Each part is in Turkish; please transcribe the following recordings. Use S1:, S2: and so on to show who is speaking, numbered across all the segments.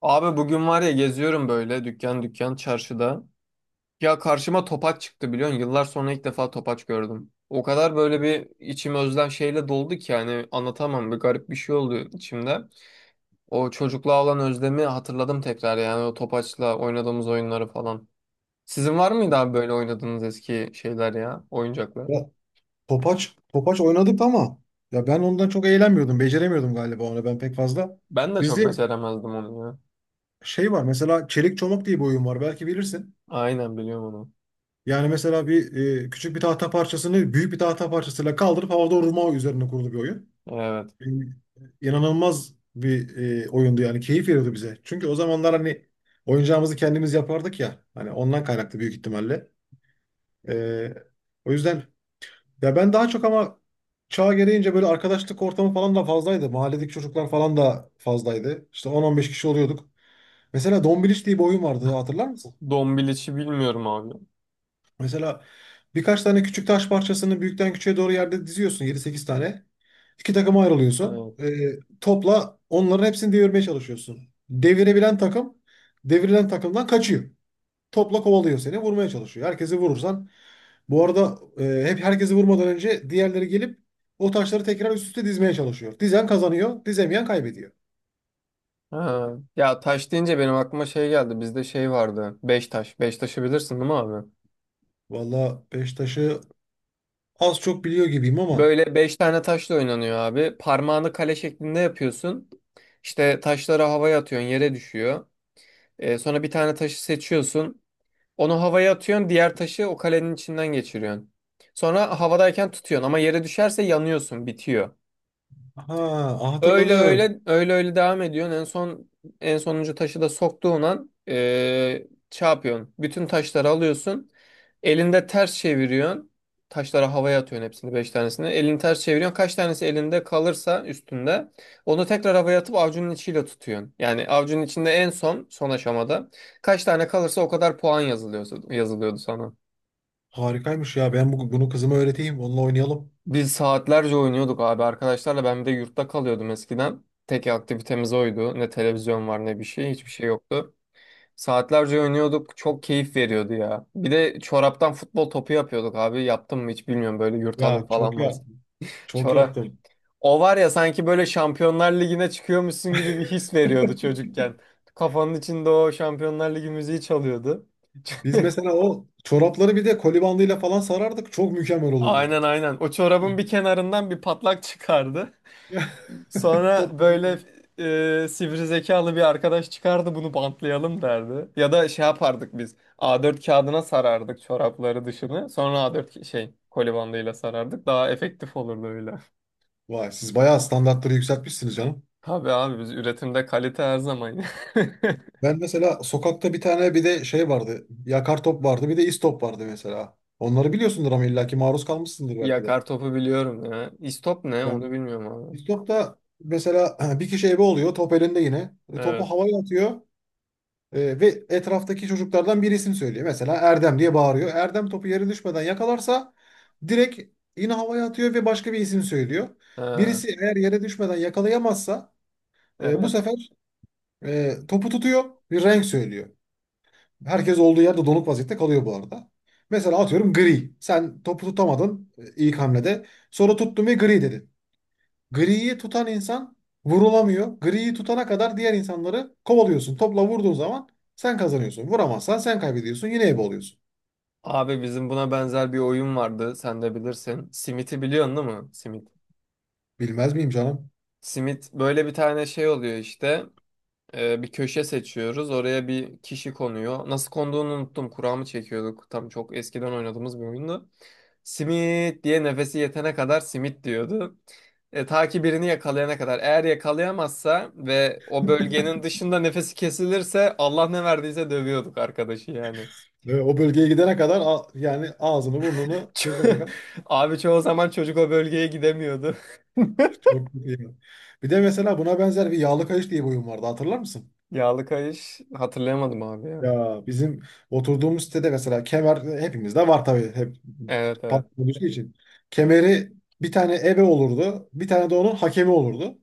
S1: Abi bugün var ya geziyorum böyle dükkan dükkan çarşıda. Ya karşıma topaç çıktı biliyorsun. Yıllar sonra ilk defa topaç gördüm. O kadar böyle bir içim özlem şeyle doldu ki yani anlatamam. Bir garip bir şey oldu içimde. O çocukluğa olan özlemi hatırladım tekrar yani o topaçla oynadığımız oyunları falan. Sizin var mıydı abi böyle oynadığınız eski şeyler ya, oyuncaklar?
S2: Ya, Topaç, Topaç oynadık ama ya ben ondan çok eğlenmiyordum. Beceremiyordum galiba onu ben pek fazla.
S1: Ben de çok
S2: Bizde
S1: beceremezdim onu ya.
S2: şey var, mesela çelik çomak diye bir oyun var, belki bilirsin.
S1: Aynen biliyorum onu.
S2: Yani mesela küçük bir tahta parçasını büyük bir tahta parçasıyla kaldırıp havada vurma üzerine kurulu bir oyun.
S1: Evet.
S2: E, İnanılmaz bir oyundu, yani keyif veriyordu bize. Çünkü o zamanlar hani oyuncağımızı kendimiz yapardık ya. Hani ondan kaynaklı büyük ihtimalle. E, O yüzden, ya ben daha çok ama çağ gereğince böyle arkadaşlık ortamı falan da fazlaydı. Mahalledeki çocuklar falan da fazlaydı. İşte 10-15 kişi oluyorduk. Mesela Dombiliç diye bir oyun vardı, hatırlar mısın?
S1: Dombiliçi bilmiyorum abi.
S2: Mesela birkaç tane küçük taş parçasını büyükten küçüğe doğru yerde diziyorsun, yedi sekiz tane. İki takıma ayrılıyorsun.
S1: Evet.
S2: Topla onların hepsini devirmeye çalışıyorsun. Devirebilen takım devrilen takımdan kaçıyor. Topla kovalıyor seni. Vurmaya çalışıyor. Herkesi vurursan. Bu arada hep herkesi vurmadan önce diğerleri gelip o taşları tekrar üst üste dizmeye çalışıyor. Dizen kazanıyor. Dizemeyen kaybediyor.
S1: Ha. Ya taş deyince benim aklıma şey geldi. Bizde şey vardı. Beş taş. Beş taşı bilirsin değil mi abi?
S2: Valla beş taşı az çok biliyor gibiyim ama.
S1: Böyle beş tane taşla oynanıyor abi. Parmağını kale şeklinde yapıyorsun. İşte taşları havaya atıyorsun, yere düşüyor. Sonra bir tane taşı seçiyorsun. Onu havaya atıyorsun, diğer taşı o kalenin içinden geçiriyorsun. Sonra havadayken tutuyorsun ama yere düşerse yanıyorsun, bitiyor.
S2: Ha,
S1: Öyle
S2: hatırladım.
S1: öyle öyle öyle devam ediyorsun. En son en sonuncu taşı da soktuğun an şey yapıyorsun. Bütün taşları alıyorsun. Elinde ters çeviriyorsun. Taşları havaya atıyorsun hepsini beş tanesini. Elini ters çeviriyorsun. Kaç tanesi elinde kalırsa üstünde onu tekrar havaya atıp avcunun içiyle tutuyorsun. Yani avcunun içinde en son son aşamada kaç tane kalırsa o kadar puan yazılıyor, yazılıyordu sana.
S2: Harikaymış ya. Ben bunu kızıma öğreteyim. Onunla oynayalım.
S1: Biz saatlerce oynuyorduk abi arkadaşlarla. Ben bir de yurtta kalıyordum eskiden. Tek aktivitemiz oydu. Ne televizyon var ne bir şey. Hiçbir şey yoktu. Saatlerce oynuyorduk. Çok keyif veriyordu ya. Bir de çoraptan futbol topu yapıyorduk abi. Yaptım mı hiç bilmiyorum. Böyle yurt hanım
S2: Ya, çok
S1: falan var.
S2: yap. Çok
S1: Çorap.
S2: yaptım.
S1: O var ya sanki böyle Şampiyonlar Ligi'ne çıkıyormuşsun gibi bir his veriyordu çocukken. Kafanın içinde o Şampiyonlar Ligi müziği çalıyordu.
S2: Biz mesela o çorapları bir de koli bandıyla falan sarardık. Çok mükemmel olurdu.
S1: Aynen aynen. O çorabın bir kenarından bir patlak çıkardı.
S2: Ya, top.
S1: Sonra böyle sivri zekalı bir arkadaş çıkardı bunu bantlayalım derdi. Ya da şey yapardık biz. A4 kağıdına sarardık çorapları dışını. Sonra şey koli bandıyla sarardık. Daha efektif olurdu öyle.
S2: Vay, siz bayağı standartları yükseltmişsiniz canım.
S1: Tabii abi biz üretimde kalite her zaman.
S2: Ben mesela sokakta bir tane bir de şey vardı. Yakar top vardı, bir de istop vardı mesela. Onları biliyorsundur ama illaki maruz kalmışsındır belki de.
S1: Yakar topu biliyorum ya. İstop ne
S2: Yani
S1: onu bilmiyorum abi.
S2: istopta mesela bir kişi ebe oluyor, top elinde yine. Topu
S1: Evet.
S2: havaya atıyor ve etraftaki çocuklardan bir isim söylüyor. Mesela Erdem diye bağırıyor. Erdem topu yere düşmeden yakalarsa direkt yine havaya atıyor ve başka bir isim söylüyor.
S1: Ha,
S2: Birisi eğer yere düşmeden yakalayamazsa bu
S1: evet.
S2: sefer topu tutuyor, bir renk söylüyor. Herkes olduğu yerde donuk vaziyette kalıyor bu arada. Mesela atıyorum gri. Sen topu tutamadın ilk hamlede. Sonra tuttun ve gri dedin. Griyi tutan insan vurulamıyor. Griyi tutana kadar diğer insanları kovalıyorsun. Topla vurduğun zaman sen kazanıyorsun. Vuramazsan sen kaybediyorsun. Yine ebe oluyorsun.
S1: Abi bizim buna benzer bir oyun vardı. Sen de bilirsin. Simit'i biliyorsun değil mi? Simit.
S2: Bilmez miyim canım?
S1: Simit böyle bir tane şey oluyor işte. Bir köşe seçiyoruz. Oraya bir kişi konuyor. Nasıl konduğunu unuttum. Kura mı çekiyorduk? Tam çok eskiden oynadığımız bir oyundu. Simit diye nefesi yetene kadar simit diyordu. E, ta ki birini yakalayana kadar. Eğer yakalayamazsa ve o bölgenin dışında nefesi kesilirse Allah ne verdiyse dövüyorduk arkadaşı yani.
S2: Ve o bölgeye gidene kadar, yani ağzını burnunu toka toka.
S1: Abi çoğu zaman çocuk o bölgeye gidemiyordu.
S2: Çok iyi. Bir de mesela buna benzer bir yağlı kayış diye bir oyun vardı, hatırlar mısın?
S1: Yağlı kayış hatırlayamadım abi ya.
S2: Ya, bizim oturduğumuz sitede mesela kemer hepimizde var tabii, hep
S1: Evet evet.
S2: patron olduğu için. Kemeri, bir tane ebe olurdu. Bir tane de onun hakemi olurdu.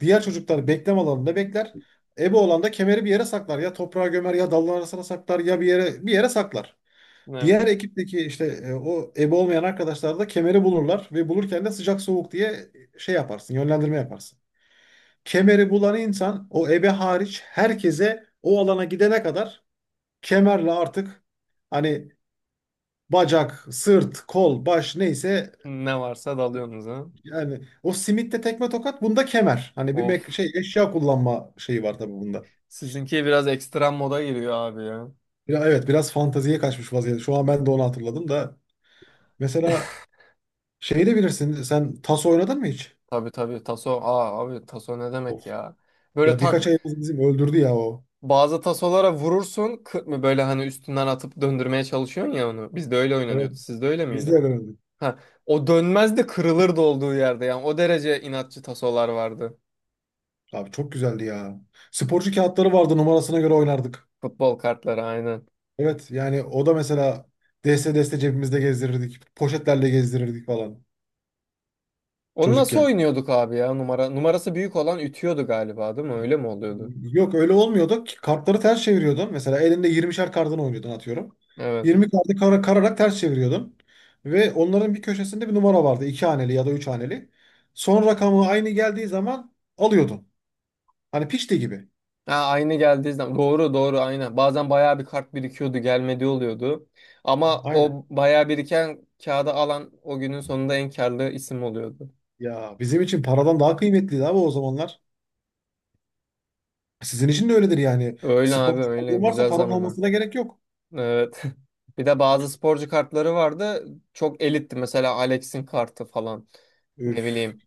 S2: Diğer çocuklar bekleme alanında bekler. Ebe olan da kemeri bir yere saklar. Ya toprağa gömer, ya dalın arasına saklar, ya bir yere bir yere saklar.
S1: Ne,
S2: Diğer ekipteki işte o ebe olmayan arkadaşlar da kemeri bulurlar, ve bulurken de sıcak soğuk diye şey yaparsın, yönlendirme yaparsın. Kemeri bulan insan, o ebe hariç herkese o alana gidene kadar kemerle artık, hani bacak, sırt, kol, baş neyse,
S1: Ne varsa dalıyorsunuz ha.
S2: yani o simitte tekme tokat, bunda kemer. Hani bir
S1: Of.
S2: şey, eşya kullanma şeyi var tabii bunda.
S1: Sizinki biraz ekstrem moda giriyor abi ya.
S2: Ya, evet, biraz fanteziye kaçmış vaziyette. Şu an ben de onu hatırladım da, mesela şeyi de bilirsin, sen tas oynadın mı hiç?
S1: Tabii tabii taso. Aa abi taso ne
S2: Of.
S1: demek ya? Böyle
S2: Ya,
S1: tak
S2: birkaç ayımız bizim öldürdü ya o.
S1: Bazı tasolara vurursun kı- mı böyle hani üstünden atıp döndürmeye çalışıyorsun ya onu. Bizde öyle
S2: Evet.
S1: oynanıyordu. Sizde öyle
S2: Biz de
S1: miydi?
S2: öğrendik.
S1: Ha, o dönmez de kırılırdı olduğu yerde yani o derece inatçı tasolar vardı.
S2: Abi, çok güzeldi ya. Sporcu kağıtları vardı, numarasına göre oynardık.
S1: Futbol kartları aynen.
S2: Evet, yani o da mesela deste deste cebimizde gezdirirdik. Poşetlerle gezdirirdik falan.
S1: Onu nasıl
S2: Çocukken.
S1: oynuyorduk abi ya? Numara numarası büyük olan ütüyordu galiba değil mi? Öyle mi oluyordu?
S2: Yok, öyle olmuyordu ki. Kartları ters çeviriyordun. Mesela elinde 20'şer kartını oynuyordun, atıyorum.
S1: Evet.
S2: 20 kartı kara, kararak ters çeviriyordun. Ve onların bir köşesinde bir numara vardı, iki haneli ya da üç haneli. Son rakamı aynı geldiği zaman alıyordun. Hani pişti gibi.
S1: Ha, aynı geldiği zaman doğru doğru aynen. Bazen bayağı bir kart birikiyordu, gelmedi oluyordu. Ama
S2: Aynen.
S1: o bayağı biriken kağıda alan o günün sonunda en karlı isim oluyordu.
S2: Ya, bizim için paradan daha kıymetliydi abi o zamanlar. Sizin için de öyledir yani.
S1: Öyle
S2: Spor
S1: abi öyle
S2: tutkunluğun varsa
S1: güzel
S2: paranın
S1: zamanı.
S2: olmasına gerek yok.
S1: Evet. Bir de bazı sporcu kartları vardı. Çok elitti mesela Alex'in kartı falan. Ne
S2: Üf.
S1: bileyim.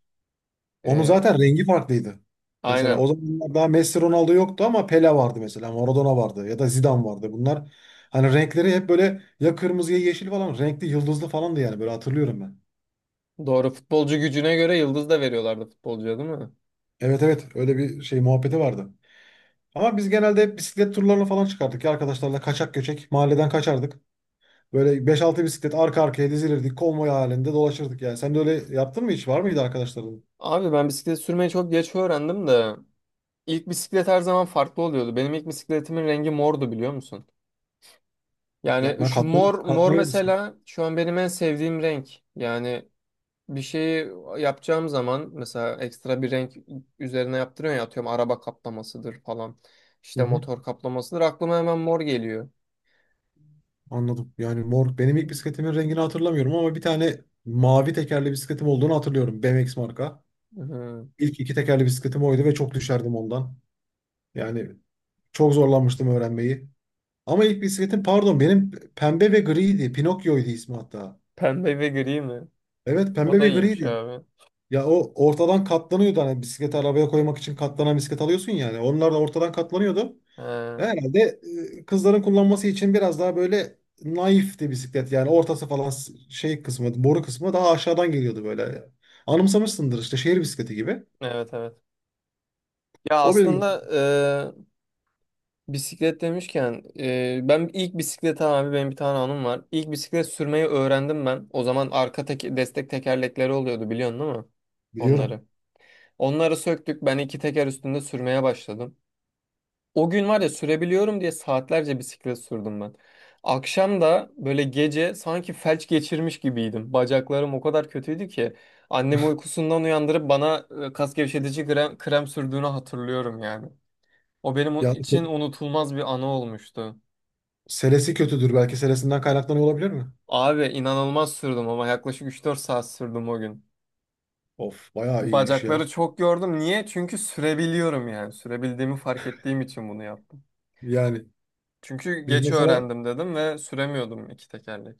S2: Onun
S1: Ee,
S2: zaten rengi farklıydı. Mesela o
S1: aynen.
S2: zamanlar daha Messi Ronaldo yoktu ama Pele vardı mesela. Maradona vardı ya da Zidane vardı. Bunlar, hani renkleri hep böyle ya kırmızı ya yeşil falan, renkli yıldızlı falandı yani, böyle hatırlıyorum ben.
S1: Doğru futbolcu gücüne göre yıldız da veriyorlardı futbolcuya değil mi?
S2: Evet, evet, öyle bir şey muhabbeti vardı. Ama biz genelde hep bisiklet turlarına falan çıkardık ya arkadaşlarla, kaçak göçek mahalleden kaçardık. Böyle beş altı bisiklet arka arkaya dizilirdik, konvoy halinde dolaşırdık yani. Sen de öyle yaptın mı hiç? Var mıydı arkadaşların?
S1: Abi ben bisiklet sürmeyi çok geç öğrendim de. İlk bisiklet her zaman farklı oluyordu. Benim ilk bisikletimin rengi mordu biliyor musun? Yani
S2: Yapmaya
S1: şu
S2: katlanır,
S1: mor mor
S2: katlanır mısın?
S1: mesela şu an benim en sevdiğim renk. Yani bir şeyi yapacağım zaman mesela ekstra bir renk üzerine yaptırıyorum ya atıyorum araba kaplamasıdır falan.
S2: Hı
S1: İşte
S2: hı.
S1: motor kaplamasıdır. Aklıma hemen mor geliyor.
S2: Anladım. Yani mor, benim ilk bisikletimin rengini hatırlamıyorum ama bir tane mavi tekerli bisikletim olduğunu hatırlıyorum. BMX marka.
S1: Hı.
S2: İlk iki tekerli bisikletim oydu ve çok düşerdim ondan. Yani çok zorlanmıştım öğrenmeyi. Ama ilk bisikletim, pardon, benim pembe ve griydi. Pinokyo'ydu ismi hatta.
S1: Pembe ve gri mi?
S2: Evet,
S1: O
S2: pembe
S1: da
S2: ve
S1: iyiymiş
S2: griydi.
S1: abi.
S2: Ya, o ortadan katlanıyordu, hani bisikleti arabaya koymak için katlanan bisiklet alıyorsun yani. Onlar da ortadan katlanıyordu.
S1: He,
S2: Herhalde kızların kullanması için biraz daha böyle naifti bisiklet. Yani ortası falan, şey kısmı, boru kısmı daha aşağıdan geliyordu böyle. Anımsamışsındır işte, şehir bisikleti gibi.
S1: evet evet. Ya
S2: O benim
S1: aslında bisiklet demişken ben ilk bisiklet abi benim bir tane anım var. İlk bisiklet sürmeyi öğrendim ben. O zaman arka destek tekerlekleri oluyordu biliyorsun değil mi?
S2: biliyorum.
S1: Onları. Onları söktük ben iki teker üstünde sürmeye başladım. O gün var ya sürebiliyorum diye saatlerce bisiklet sürdüm ben. Akşam da böyle gece sanki felç geçirmiş gibiydim. Bacaklarım o kadar kötüydü ki annemi uykusundan uyandırıp bana kas gevşetici krem sürdüğünü hatırlıyorum yani. O benim
S2: Ya,
S1: için unutulmaz bir anı olmuştu.
S2: selesi kötüdür, belki selesinden kaynaklanıyor olabilir mi?
S1: Abi inanılmaz sürdüm ama yaklaşık üç dört saat sürdüm o gün.
S2: Of, bayağı iyiymiş ya.
S1: Bacakları çok gördüm. Niye? Çünkü sürebiliyorum yani. Sürebildiğimi fark ettiğim için bunu yaptım.
S2: Yani
S1: Çünkü
S2: biz
S1: geç
S2: mesela
S1: öğrendim dedim ve süremiyordum iki tekerlek.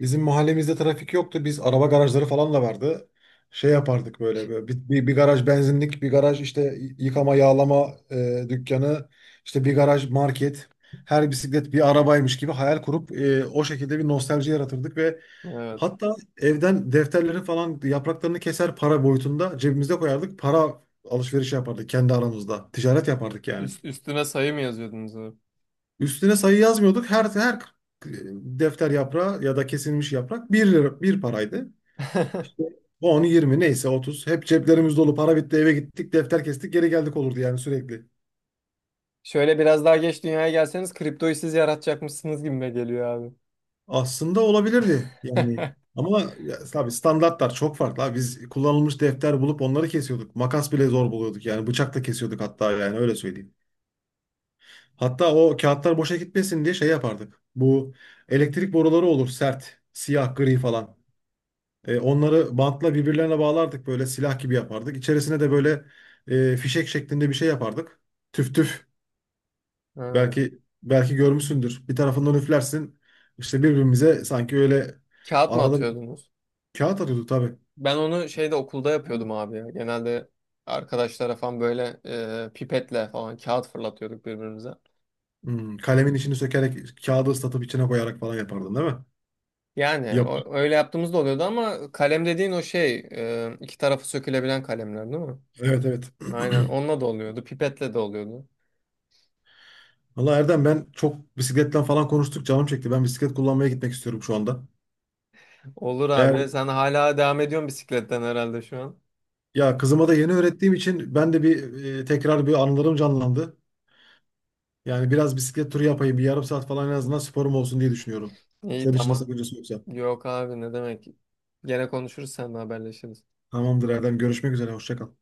S2: bizim mahallemizde trafik yoktu. Biz araba garajları falan da vardı. Şey yapardık böyle, böyle bir garaj benzinlik, bir garaj işte yıkama yağlama dükkanı, işte bir garaj market. Her bisiklet bir arabaymış gibi hayal kurup o şekilde bir nostalji yaratırdık, ve
S1: Evet.
S2: hatta evden defterleri falan, yapraklarını keser para boyutunda cebimize koyardık. Para alışverişi yapardık kendi aramızda. Ticaret yapardık yani.
S1: Üstüne sayı mı yazıyordunuz abi?
S2: Üstüne sayı yazmıyorduk. Her e, defter yaprağı ya da kesilmiş yaprak bir lira, bir paraydı. İşte 10, 20, neyse 30. Hep ceplerimiz dolu. Para bitti, eve gittik. Defter kestik, geri geldik olurdu yani, sürekli.
S1: Şöyle biraz daha geç dünyaya gelseniz kriptoyu siz yaratacakmışsınız gibime geliyor abi.
S2: Aslında olabilirdi yani. Ama ya, tabii standartlar çok farklı abi. Biz kullanılmış defter bulup onları kesiyorduk. Makas bile zor buluyorduk yani. Bıçakla kesiyorduk hatta, yani öyle söyleyeyim. Hatta o kağıtlar boşa gitmesin diye şey yapardık. Bu elektrik boruları olur sert. Siyah, gri falan. Onları bantla birbirlerine bağlardık, böyle silah gibi yapardık. İçerisine de böyle fişek şeklinde bir şey yapardık. Tüf tüf.
S1: Ha,
S2: Belki, belki görmüşsündür. Bir tarafından üflersin. İşte birbirimize sanki öyle
S1: kağıt mı
S2: arada bir
S1: atıyordunuz?
S2: kağıt atıyorduk tabii.
S1: Ben onu şeyde okulda yapıyordum abi ya. Genelde arkadaşlara falan böyle pipetle falan kağıt fırlatıyorduk birbirimize.
S2: Kalemin içini sökerek kağıdı ıslatıp içine koyarak falan yapardın değil mi?
S1: Yani
S2: Yap.
S1: öyle yaptığımızda oluyordu ama kalem dediğin o şey iki tarafı sökülebilen kalemler değil mi?
S2: Evet, evet.
S1: Aynen onunla da oluyordu pipetle de oluyordu.
S2: Valla Erdem, ben çok bisikletten falan konuştuk, canım çekti. Ben bisiklet kullanmaya gitmek istiyorum şu anda.
S1: Olur
S2: Eğer,
S1: abi sen hala devam ediyorsun bisikletten herhalde şu an.
S2: ya kızıma da yeni öğrettiğim için ben de bir tekrar bir anılarım canlandı. Yani biraz bisiklet turu yapayım. Bir yarım saat falan, en azından sporum olsun diye düşünüyorum.
S1: İyi
S2: Senin için
S1: tamam.
S2: nasıl, bir yoksa.
S1: Yok abi ne demek. Gene konuşuruz seninle haberleşiriz.
S2: Tamamdır Erdem. Görüşmek üzere. Hoşça kal.